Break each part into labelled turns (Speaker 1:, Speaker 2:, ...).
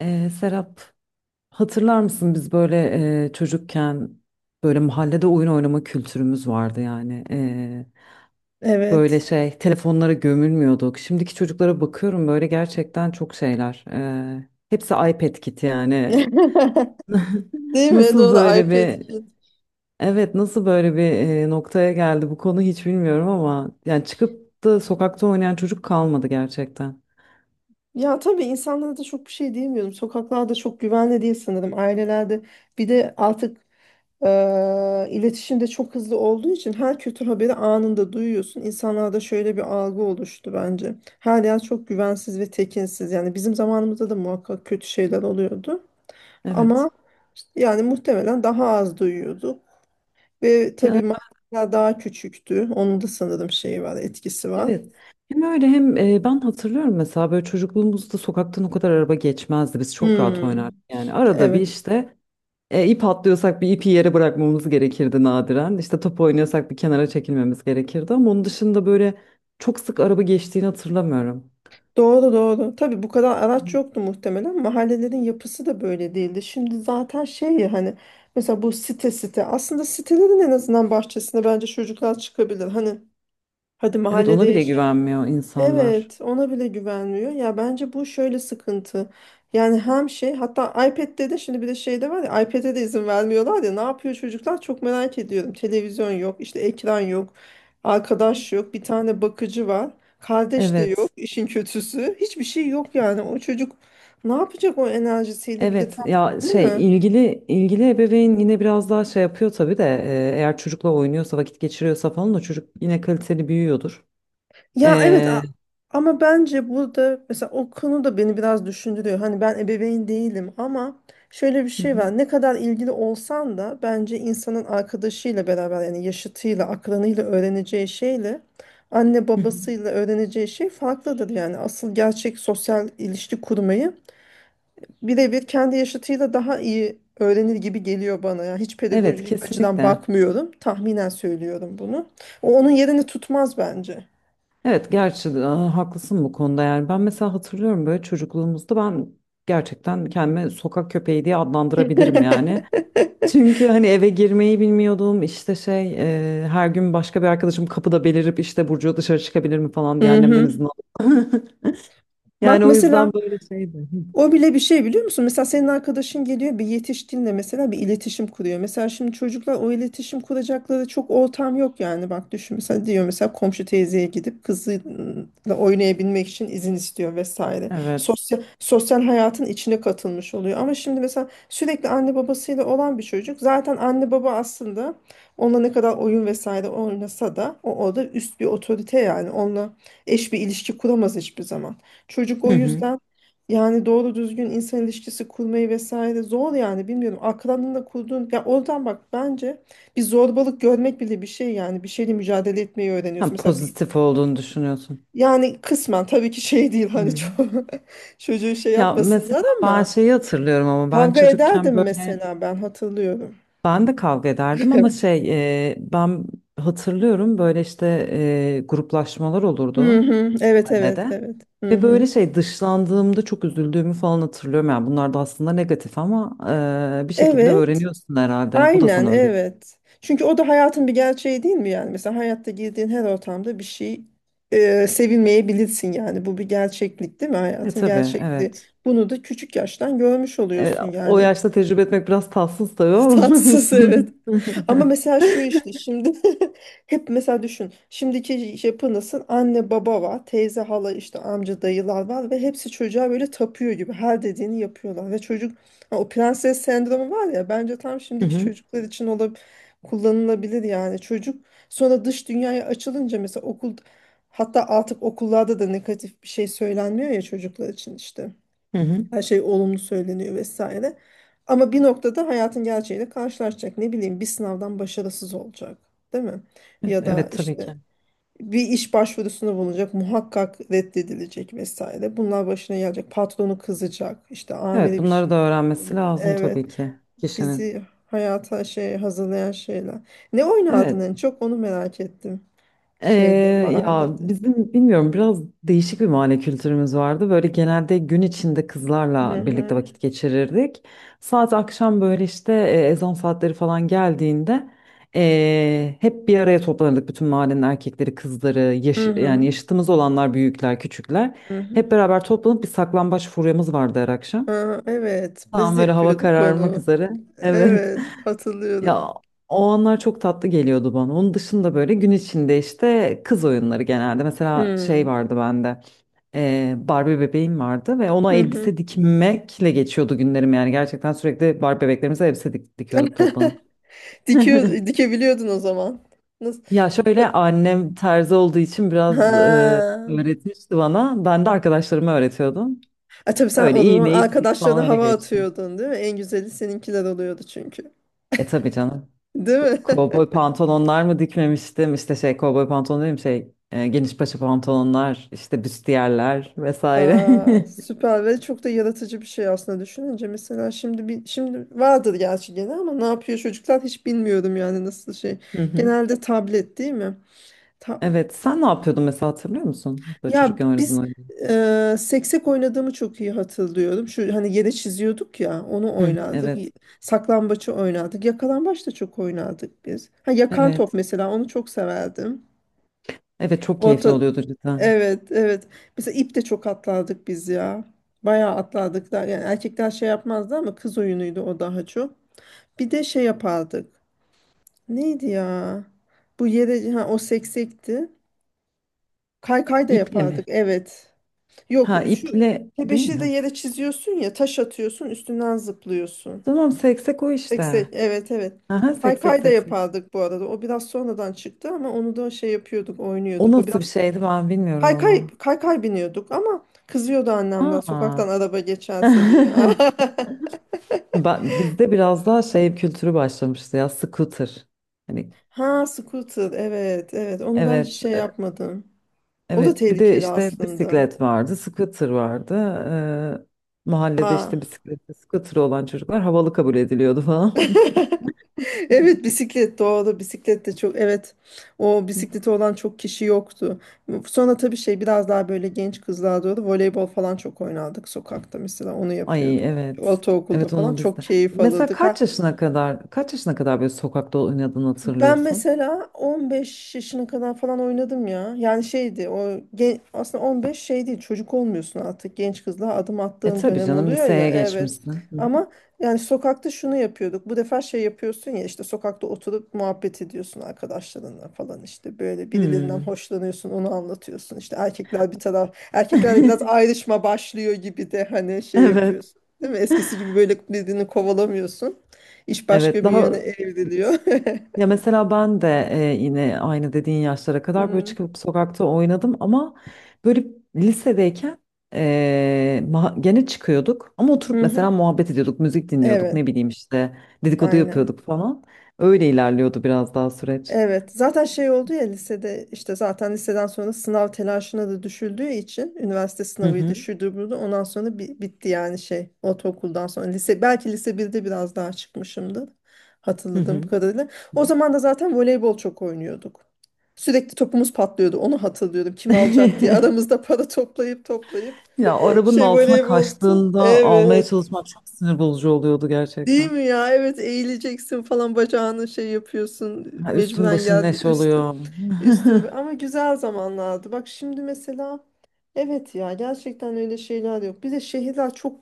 Speaker 1: Serap, hatırlar mısın biz böyle çocukken böyle mahallede oyun oynama kültürümüz vardı yani. Böyle
Speaker 2: Evet.
Speaker 1: şey telefonlara gömülmüyorduk. Şimdiki çocuklara bakıyorum böyle gerçekten çok şeyler. Hepsi iPad kiti yani.
Speaker 2: Değil mi?
Speaker 1: Nasıl
Speaker 2: Doğru
Speaker 1: böyle
Speaker 2: iPad
Speaker 1: bir
Speaker 2: Kid.
Speaker 1: evet, nasıl böyle bir noktaya geldi bu konu hiç bilmiyorum ama yani çıkıp da sokakta oynayan çocuk kalmadı gerçekten.
Speaker 2: Ya tabii insanlara da çok bir şey diyemiyorum. Sokaklarda çok güvenli değil sanırım. Ailelerde bir de artık iletişimde çok hızlı olduğu için her kötü haberi anında duyuyorsun. İnsanlarda şöyle bir algı oluştu bence. Her yer çok güvensiz ve tekinsiz. Yani bizim zamanımızda da muhakkak kötü şeyler oluyordu.
Speaker 1: Evet.
Speaker 2: Ama işte yani muhtemelen daha az duyuyorduk. Ve
Speaker 1: Ya,
Speaker 2: tabii mahalleler daha küçüktü. Onun da sanırım şeyi var, etkisi var.
Speaker 1: evet. Hem öyle hem ben hatırlıyorum mesela böyle çocukluğumuzda sokaktan o kadar araba geçmezdi. Biz çok rahat
Speaker 2: Hmm,
Speaker 1: oynardık. Yani arada bir
Speaker 2: evet.
Speaker 1: işte ip atlıyorsak bir ipi yere bırakmamız gerekirdi nadiren. İşte top oynuyorsak bir kenara çekilmemiz gerekirdi ama onun dışında böyle çok sık araba geçtiğini hatırlamıyorum.
Speaker 2: Doğru doğru. Tabii bu kadar araç yoktu muhtemelen. Mahallelerin yapısı da böyle değildi. Şimdi zaten şey ya hani mesela bu site site aslında sitelerin en azından bahçesine bence çocuklar çıkabilir. Hani hadi
Speaker 1: Evet, ona
Speaker 2: mahallede.
Speaker 1: bile güvenmiyor insanlar.
Speaker 2: Evet, ona bile güvenmiyor. Ya bence bu şöyle sıkıntı. Yani hem şey hatta iPad'de de şimdi bir de şey de var ya iPad'e de izin vermiyorlar ya ne yapıyor çocuklar çok merak ediyorum. Televizyon yok, işte ekran yok, arkadaş yok, bir tane bakıcı var. Kardeş de yok,
Speaker 1: Evet.
Speaker 2: işin kötüsü. Hiçbir şey yok yani. O çocuk ne yapacak o enerjisiyle bir de
Speaker 1: Evet,
Speaker 2: tam,
Speaker 1: ya
Speaker 2: değil
Speaker 1: şey
Speaker 2: mi?
Speaker 1: ilgili ebeveyn yine biraz daha şey yapıyor tabii de eğer çocukla oynuyorsa vakit geçiriyorsa falan da çocuk yine kaliteli büyüyordur.
Speaker 2: Ya evet,
Speaker 1: E,
Speaker 2: ama bence burada mesela o konu da beni biraz düşündürüyor. Hani ben ebeveyn değilim ama şöyle bir
Speaker 1: Hı
Speaker 2: şey
Speaker 1: hı,
Speaker 2: var. Ne kadar ilgili olsan da bence insanın arkadaşıyla beraber yani yaşıtıyla, akranıyla öğreneceği şeyle anne
Speaker 1: hı hı.
Speaker 2: babasıyla öğreneceği şey farklıdır. Yani asıl gerçek sosyal ilişki kurmayı birebir kendi yaşıtıyla daha iyi öğrenir gibi geliyor bana. Yani hiç
Speaker 1: Evet,
Speaker 2: pedagojik açıdan
Speaker 1: kesinlikle.
Speaker 2: bakmıyorum. Tahminen söylüyorum bunu. O onun yerini tutmaz bence.
Speaker 1: Evet, gerçi haklısın bu konuda yani ben mesela hatırlıyorum böyle çocukluğumuzda ben gerçekten kendimi sokak köpeği diye adlandırabilirim yani. Çünkü hani eve girmeyi bilmiyordum işte şey her gün başka bir arkadaşım kapıda belirip işte Burcu dışarı çıkabilir mi falan diye
Speaker 2: Hı
Speaker 1: annemden
Speaker 2: hı.
Speaker 1: izin aldım.
Speaker 2: Bak
Speaker 1: Yani o
Speaker 2: mesela,
Speaker 1: yüzden böyle şeydi.
Speaker 2: o bile bir şey biliyor musun? Mesela senin arkadaşın geliyor, bir yetişkinle mesela bir iletişim kuruyor. Mesela şimdi çocuklar, o iletişim kuracakları çok ortam yok yani. Bak düşün, mesela diyor mesela komşu teyzeye gidip kızıyla oynayabilmek için izin istiyor vesaire.
Speaker 1: Evet.
Speaker 2: Sosyal, sosyal hayatın içine katılmış oluyor. Ama şimdi mesela sürekli anne babasıyla olan bir çocuk, zaten anne baba aslında onunla ne kadar oyun vesaire oynasa da o orada üst bir otorite, yani onunla eş bir ilişki kuramaz hiçbir zaman. Çocuk o
Speaker 1: Hı hı.
Speaker 2: yüzden yani doğru düzgün insan ilişkisi kurmayı vesaire zor, yani bilmiyorum. Akranınla kurduğun, ya oradan bak, bence bir zorbalık görmek bile bir şey, yani bir şeyle mücadele etmeyi öğreniyorsun.
Speaker 1: Hem pozitif olduğunu düşünüyorsun.
Speaker 2: Yani kısmen tabii ki şey değil,
Speaker 1: Hı
Speaker 2: hani
Speaker 1: hı.
Speaker 2: çok çocuğu şey
Speaker 1: Ya, mesela
Speaker 2: yapmasınlar
Speaker 1: ben
Speaker 2: ama
Speaker 1: şeyi hatırlıyorum ama ben
Speaker 2: kavga
Speaker 1: çocukken
Speaker 2: ederdim
Speaker 1: böyle
Speaker 2: mesela, ben hatırlıyorum.
Speaker 1: ben de kavga ederdim ama
Speaker 2: Evet.
Speaker 1: şey ben hatırlıyorum böyle işte gruplaşmalar
Speaker 2: Hı
Speaker 1: olurdu
Speaker 2: hı. Evet, evet,
Speaker 1: mahallede.
Speaker 2: evet. Hı
Speaker 1: Ve
Speaker 2: hı.
Speaker 1: böyle şey dışlandığımda çok üzüldüğümü falan hatırlıyorum. Yani bunlar da aslında negatif ama bir şekilde
Speaker 2: Evet.
Speaker 1: öğreniyorsun herhalde. Bu da
Speaker 2: Aynen,
Speaker 1: sana öğret.
Speaker 2: evet. Çünkü o da hayatın bir gerçeği değil mi yani? Mesela hayatta girdiğin her ortamda bir şey, sevilmeyebilirsin yani. Bu bir gerçeklik değil mi?
Speaker 1: E
Speaker 2: Hayatın
Speaker 1: tabii,
Speaker 2: gerçekliği.
Speaker 1: evet.
Speaker 2: Bunu da küçük yaştan görmüş
Speaker 1: E,
Speaker 2: oluyorsun
Speaker 1: O
Speaker 2: yani.
Speaker 1: yaşta tecrübe etmek biraz tatsız tabii ama
Speaker 2: Tatsız, evet.
Speaker 1: olsun.
Speaker 2: Ama mesela şu işte şimdi hep mesela düşün. Şimdiki yapı nasıl? Anne baba var, teyze hala işte amca dayılar var ve hepsi çocuğa böyle tapıyor gibi her dediğini yapıyorlar. Ve çocuk, ha, o prenses sendromu var ya, bence tam
Speaker 1: Hı
Speaker 2: şimdiki
Speaker 1: hı,
Speaker 2: çocuklar için kullanılabilir yani. Çocuk sonra dış dünyaya açılınca mesela okul, hatta artık okullarda da negatif bir şey söylenmiyor ya çocuklar için işte.
Speaker 1: hı hı.
Speaker 2: Her şey olumlu söyleniyor vesaire. Ama bir noktada hayatın gerçeğiyle karşılaşacak. Ne bileyim, bir sınavdan başarısız olacak, değil mi? Ya da
Speaker 1: Evet, tabii
Speaker 2: işte
Speaker 1: ki.
Speaker 2: bir iş başvurusunda bulunacak, muhakkak reddedilecek vesaire. Bunlar başına gelecek. Patronu kızacak. İşte
Speaker 1: Evet,
Speaker 2: amiri bir
Speaker 1: bunları da
Speaker 2: şey.
Speaker 1: öğrenmesi lazım
Speaker 2: Evet,
Speaker 1: tabii ki kişinin.
Speaker 2: bizi hayata şey hazırlayan şeyler. Ne oynardın
Speaker 1: Evet.
Speaker 2: en çok, onu merak ettim. Şeyde,
Speaker 1: Ya
Speaker 2: mahallede.
Speaker 1: bizim bilmiyorum biraz değişik bir mahalle kültürümüz vardı. Böyle genelde gün içinde
Speaker 2: Hı
Speaker 1: kızlarla birlikte
Speaker 2: hı.
Speaker 1: vakit geçirirdik. Saat akşam böyle işte ezan saatleri falan geldiğinde hep bir araya toplanırdık. Bütün mahallenin erkekleri, kızları,
Speaker 2: Hı
Speaker 1: yani
Speaker 2: hı.
Speaker 1: yaşıtımız olanlar, büyükler, küçükler.
Speaker 2: Hı
Speaker 1: Hep
Speaker 2: hı.
Speaker 1: beraber toplanıp bir saklambaç furyamız vardı her akşam.
Speaker 2: Aa, evet, biz
Speaker 1: Tam
Speaker 2: de
Speaker 1: böyle hava
Speaker 2: yapıyorduk
Speaker 1: kararmak
Speaker 2: onu.
Speaker 1: üzere. Evet.
Speaker 2: Evet, hatırlıyorum.
Speaker 1: Ya, o anlar çok tatlı geliyordu bana. Onun dışında böyle gün içinde işte kız oyunları genelde. Mesela şey
Speaker 2: Hmm.
Speaker 1: vardı bende. Barbie bebeğim vardı ve ona
Speaker 2: Hı hı.
Speaker 1: elbise dikmekle geçiyordu günlerim yani. Gerçekten sürekli Barbie bebeklerimize elbise dikiyorduk toplanıp.
Speaker 2: Dikebiliyordun o zaman. Nasıl?
Speaker 1: Ya şöyle annem terzi olduğu için biraz
Speaker 2: Ha.
Speaker 1: öğretmişti bana. Ben de arkadaşlarıma öğretiyordum.
Speaker 2: A, tabii sen
Speaker 1: Öyle
Speaker 2: o zaman
Speaker 1: iğne iplik falan
Speaker 2: arkadaşlarına
Speaker 1: öyle
Speaker 2: hava
Speaker 1: geçti.
Speaker 2: atıyordun değil mi? En güzeli seninkiler oluyordu çünkü.
Speaker 1: E tabii canım.
Speaker 2: Değil mi?
Speaker 1: Kovboy pantolonlar mı dikmemiştim? İşte şey kovboy pantolon değil mi? Şey geniş paça pantolonlar, işte büstiyerler vesaire.
Speaker 2: Aa, süper ve çok da yaratıcı bir şey aslında düşününce. Mesela şimdi bir, şimdi vardır gerçi gene ama ne yapıyor çocuklar hiç bilmiyorum yani nasıl şey.
Speaker 1: Hı hı.
Speaker 2: Genelde tablet değil mi? Ta-
Speaker 1: Evet, sen ne yapıyordun mesela hatırlıyor musun? Böyle
Speaker 2: Ya
Speaker 1: çocukken oynadığın
Speaker 2: biz,
Speaker 1: oyunu.
Speaker 2: seksek oynadığımı çok iyi hatırlıyorum. Şu hani yere çiziyorduk ya, onu
Speaker 1: Hı hı.
Speaker 2: oynardık.
Speaker 1: Evet,
Speaker 2: Saklambaçı oynardık. Yakalambaç da çok oynardık biz. Ha, yakan top,
Speaker 1: evet.
Speaker 2: mesela onu çok severdim.
Speaker 1: Evet çok keyifli
Speaker 2: Orta
Speaker 1: oluyordu cidden.
Speaker 2: Evet, evet. Mesela ip de çok atlardık biz ya. Bayağı atlardık da, yani erkekler şey yapmazdı ama kız oyunuydu o daha çok. Bir de şey yapardık. Neydi ya? Bu yere, ha, o seksekti. Kaykay da
Speaker 1: İple
Speaker 2: yapardık.
Speaker 1: mi?
Speaker 2: Evet. Yok,
Speaker 1: Ha,
Speaker 2: şu
Speaker 1: iple değil mi?
Speaker 2: tebeşiri de
Speaker 1: Ha.
Speaker 2: yere çiziyorsun ya, taş atıyorsun, üstünden zıplıyorsun.
Speaker 1: Tamam, seksek o
Speaker 2: Seksek,
Speaker 1: işte.
Speaker 2: evet, evet.
Speaker 1: Aha, seksek
Speaker 2: Kaykay da
Speaker 1: seksek.
Speaker 2: yapardık bu arada. O biraz sonradan çıktı ama onu da şey yapıyorduk,
Speaker 1: O
Speaker 2: oynuyorduk. O
Speaker 1: nasıl bir
Speaker 2: biraz
Speaker 1: şeydi ben bilmiyorum
Speaker 2: kaykay
Speaker 1: onu.
Speaker 2: kaykay biniyorduk ama kızıyordu annemden
Speaker 1: Aa.
Speaker 2: sokaktan araba geçerse diye.
Speaker 1: Ben, bizde biraz daha şey kültürü başlamıştı ya, scooter. Hani
Speaker 2: Ha, scooter. Evet, evet. Onu ben hiç
Speaker 1: evet,
Speaker 2: şey yapmadım. O da
Speaker 1: evet bir de
Speaker 2: tehlikeli
Speaker 1: işte
Speaker 2: aslında.
Speaker 1: bisiklet vardı, scooter vardı. Mahallede işte
Speaker 2: Ha.
Speaker 1: bisikleti, scooter olan çocuklar havalı kabul ediliyordu falan.
Speaker 2: Evet, bisiklet, doğru, bisiklet de çok, evet, o bisikleti olan çok kişi yoktu. Sonra tabii şey, biraz daha böyle genç kızlar, doğru, voleybol falan çok oynardık sokakta, mesela onu
Speaker 1: Ay,
Speaker 2: yapıyorduk.
Speaker 1: evet.
Speaker 2: Ortaokulda
Speaker 1: Evet
Speaker 2: falan
Speaker 1: onu
Speaker 2: çok
Speaker 1: bizde.
Speaker 2: keyif
Speaker 1: Mesela
Speaker 2: alırdık.
Speaker 1: kaç yaşına kadar böyle sokakta oynadığını
Speaker 2: Ben
Speaker 1: hatırlıyorsun?
Speaker 2: mesela 15 yaşına kadar falan oynadım ya. Yani şeydi o aslında 15 şey değil, çocuk olmuyorsun artık, genç kızla adım
Speaker 1: E
Speaker 2: attığın
Speaker 1: tabii
Speaker 2: dönem
Speaker 1: canım
Speaker 2: oluyor ya,
Speaker 1: liseye
Speaker 2: evet.
Speaker 1: geçmişsin. Hı hı.
Speaker 2: Ama yani sokakta şunu yapıyorduk. Bu defa şey yapıyorsun ya, işte sokakta oturup muhabbet ediyorsun arkadaşlarınla falan, işte böyle birilerinden
Speaker 1: Hmm.
Speaker 2: hoşlanıyorsun, onu anlatıyorsun. İşte erkekler bir taraf, erkeklerle biraz ayrışma başlıyor gibi de, hani şey
Speaker 1: Evet.
Speaker 2: yapıyorsun. Değil mi? Eskisi gibi böyle birbirini kovalamıyorsun. İş
Speaker 1: Evet
Speaker 2: başka bir yöne
Speaker 1: daha,
Speaker 2: evriliyor.
Speaker 1: ya mesela ben de yine aynı dediğin yaşlara kadar böyle
Speaker 2: Hı
Speaker 1: çıkıp sokakta oynadım ama böyle lisedeyken gene çıkıyorduk ama oturup
Speaker 2: hı.
Speaker 1: mesela
Speaker 2: Hı.
Speaker 1: muhabbet ediyorduk, müzik dinliyorduk,
Speaker 2: Evet,
Speaker 1: ne bileyim işte dedikodu
Speaker 2: aynen.
Speaker 1: yapıyorduk falan. Öyle ilerliyordu biraz daha süreç.
Speaker 2: Evet, zaten şey oldu ya lisede, işte zaten liseden sonra sınav telaşına da düşüldüğü için üniversite
Speaker 1: Hı
Speaker 2: sınavıydı,
Speaker 1: hı,
Speaker 2: şuydu buydu. Ondan sonra bitti yani şey, ortaokuldan sonra lise, belki lise birde biraz daha çıkmışımdır
Speaker 1: hı
Speaker 2: hatırladığım
Speaker 1: hı.
Speaker 2: kadarıyla. O zaman da zaten voleybol çok oynuyorduk. Sürekli topumuz patlıyordu. Onu hatırlıyorum. Kim alacak diye aramızda para toplayıp toplayıp
Speaker 1: Ya, o arabanın
Speaker 2: şey
Speaker 1: altına
Speaker 2: voleyboltu.
Speaker 1: kaçtığında almaya
Speaker 2: Evet.
Speaker 1: çalışmak çok sinir bozucu oluyordu
Speaker 2: Değil
Speaker 1: gerçekten.
Speaker 2: mi ya? Evet, eğileceksin falan, bacağını şey yapıyorsun,
Speaker 1: Ha, üstün
Speaker 2: mecburen
Speaker 1: başın
Speaker 2: geldi
Speaker 1: neş
Speaker 2: üstün
Speaker 1: oluyor.
Speaker 2: üstün ama güzel zamanlardı. Bak şimdi mesela, evet ya, gerçekten öyle şeyler yok. Bir de şehirler çok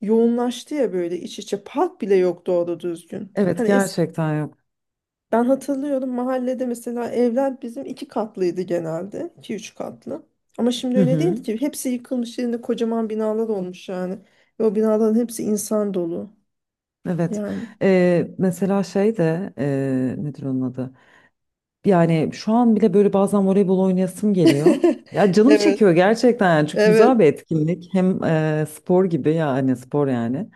Speaker 2: yoğunlaştı ya, böyle iç içe, park bile yok doğru düzgün.
Speaker 1: Evet,
Speaker 2: Hani
Speaker 1: gerçekten yok.
Speaker 2: ben hatırlıyorum mahallede mesela evler bizim iki katlıydı genelde, iki üç katlı. Ama şimdi
Speaker 1: Hı
Speaker 2: öyle değil
Speaker 1: hı.
Speaker 2: ki, hepsi yıkılmış, yerinde kocaman binalar olmuş yani. Ve o binaların hepsi insan dolu
Speaker 1: Evet.
Speaker 2: yani.
Speaker 1: Mesela şey de nedir onun adı? Yani şu an bile böyle bazen voleybol oynayasım geliyor. Ya canım
Speaker 2: Evet,
Speaker 1: çekiyor gerçekten yani çok güzel
Speaker 2: evet.
Speaker 1: bir etkinlik. Hem spor gibi yani spor yani.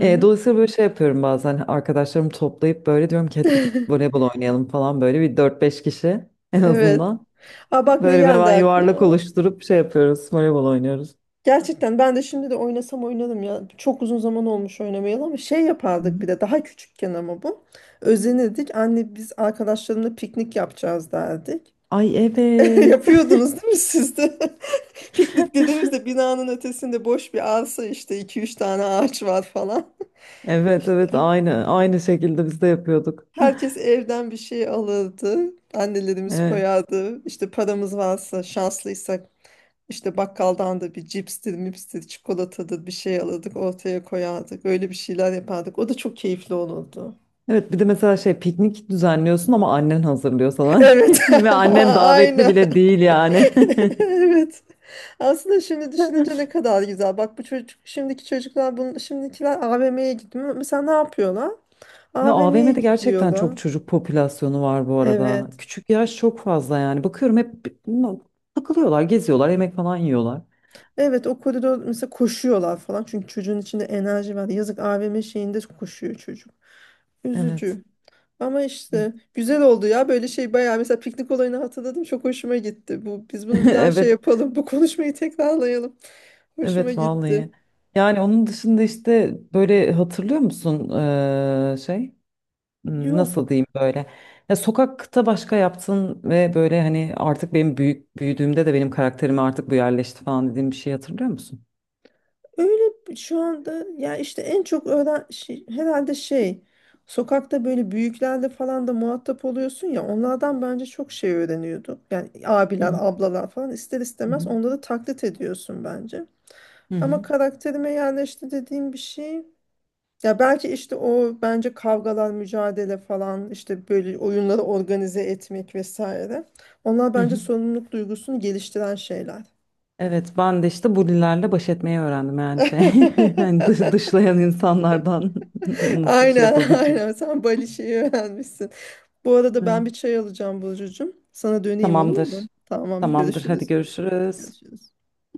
Speaker 1: Dolayısıyla böyle şey yapıyorum bazen arkadaşlarımı toplayıp böyle diyorum ki hadi gidip voleybol oynayalım falan böyle bir 4 5 kişi en
Speaker 2: Evet.
Speaker 1: azından.
Speaker 2: Aa, bak ne
Speaker 1: Böyle bir
Speaker 2: geldi
Speaker 1: hemen yuvarlak
Speaker 2: aklıma.
Speaker 1: oluşturup şey yapıyoruz voleybol oynuyoruz.
Speaker 2: Gerçekten ben de şimdi de oynasam oynarım ya. Çok uzun zaman olmuş oynamayalı ama şey
Speaker 1: Hı
Speaker 2: yapardık bir
Speaker 1: hı.
Speaker 2: de daha küçükken, ama bu. Özenirdik. Anne, biz arkadaşlarımla piknik yapacağız, derdik.
Speaker 1: Ay, evet.
Speaker 2: Yapıyordunuz değil mi siz de? Piknik dediğimizde binanın ötesinde boş bir arsa, işte iki üç tane ağaç var falan.
Speaker 1: Evet, evet, aynı aynı şekilde biz de yapıyorduk.
Speaker 2: Herkes evden bir şey alırdı. Annelerimiz
Speaker 1: Evet.
Speaker 2: koyardı. İşte paramız varsa, şanslıysak, işte bakkaldan da bir cipstir, mipstir, çikolatadır, bir şey alırdık, ortaya koyardık. Öyle bir şeyler yapardık. O da çok keyifli olurdu.
Speaker 1: Evet bir de mesela şey piknik düzenliyorsun ama annen hazırlıyor sana.
Speaker 2: Evet.
Speaker 1: Ve annen davetli
Speaker 2: Aynen.
Speaker 1: bile değil yani.
Speaker 2: Evet. Aslında şimdi düşününce ne kadar güzel. Bak bu çocuk, şimdiki çocuklar bunu, şimdikiler AVM'ye gidiyor. Mesela ne yapıyorlar?
Speaker 1: Ya
Speaker 2: AVM'ye
Speaker 1: AVM'de gerçekten
Speaker 2: gidiyorlar.
Speaker 1: çok çocuk popülasyonu var bu arada.
Speaker 2: Evet.
Speaker 1: Küçük yaş çok fazla yani. Bakıyorum hep takılıyorlar, geziyorlar, yemek falan yiyorlar.
Speaker 2: Evet, o koridor mesela, koşuyorlar falan. Çünkü çocuğun içinde enerji var. Yazık, AVM şeyinde koşuyor çocuk.
Speaker 1: Evet.
Speaker 2: Üzücü. Ama işte güzel oldu ya, böyle şey bayağı mesela piknik olayını hatırladım, çok hoşuma gitti. Bu, biz bunu bir daha şey
Speaker 1: Evet.
Speaker 2: yapalım. Bu konuşmayı tekrarlayalım. Hoşuma
Speaker 1: Evet vallahi.
Speaker 2: gitti.
Speaker 1: Yani onun dışında işte böyle hatırlıyor musun şey?
Speaker 2: Yok.
Speaker 1: Nasıl diyeyim böyle? Ya sokakta başka yaptın ve böyle hani artık benim büyüdüğümde de benim karakterime artık bu yerleşti falan dediğim bir şey hatırlıyor musun?
Speaker 2: Öyle şu anda ya, işte en çok şey, herhalde şey, sokakta böyle büyüklerle falan da muhatap oluyorsun ya, onlardan bence çok şey öğreniyorduk. Yani
Speaker 1: Hı
Speaker 2: abiler,
Speaker 1: hı.
Speaker 2: ablalar falan, ister
Speaker 1: Hı
Speaker 2: istemez
Speaker 1: hı.
Speaker 2: onları taklit ediyorsun bence.
Speaker 1: Hı
Speaker 2: Ama
Speaker 1: hı.
Speaker 2: karakterime yerleşti dediğim bir şey. Ya belki işte o, bence kavgalar, mücadele falan, işte böyle oyunları organize etmek vesaire. Onlar
Speaker 1: Hı
Speaker 2: bence
Speaker 1: hı.
Speaker 2: sorumluluk duygusunu geliştiren şeyler.
Speaker 1: Evet ben de işte bulilerle baş etmeyi öğrendim yani şey. Yani dışlayan insanlardan nasıl şey
Speaker 2: Aynen
Speaker 1: yapabileceğim.
Speaker 2: aynen sen Bali şeyi öğrenmişsin. Bu arada ben
Speaker 1: Evet.
Speaker 2: bir çay alacağım Burcucuğum. Sana döneyim, olur
Speaker 1: Tamamdır.
Speaker 2: mu? Tamam,
Speaker 1: Tamamdır, hadi
Speaker 2: görüşürüz.
Speaker 1: görüşürüz.
Speaker 2: Görüşürüz.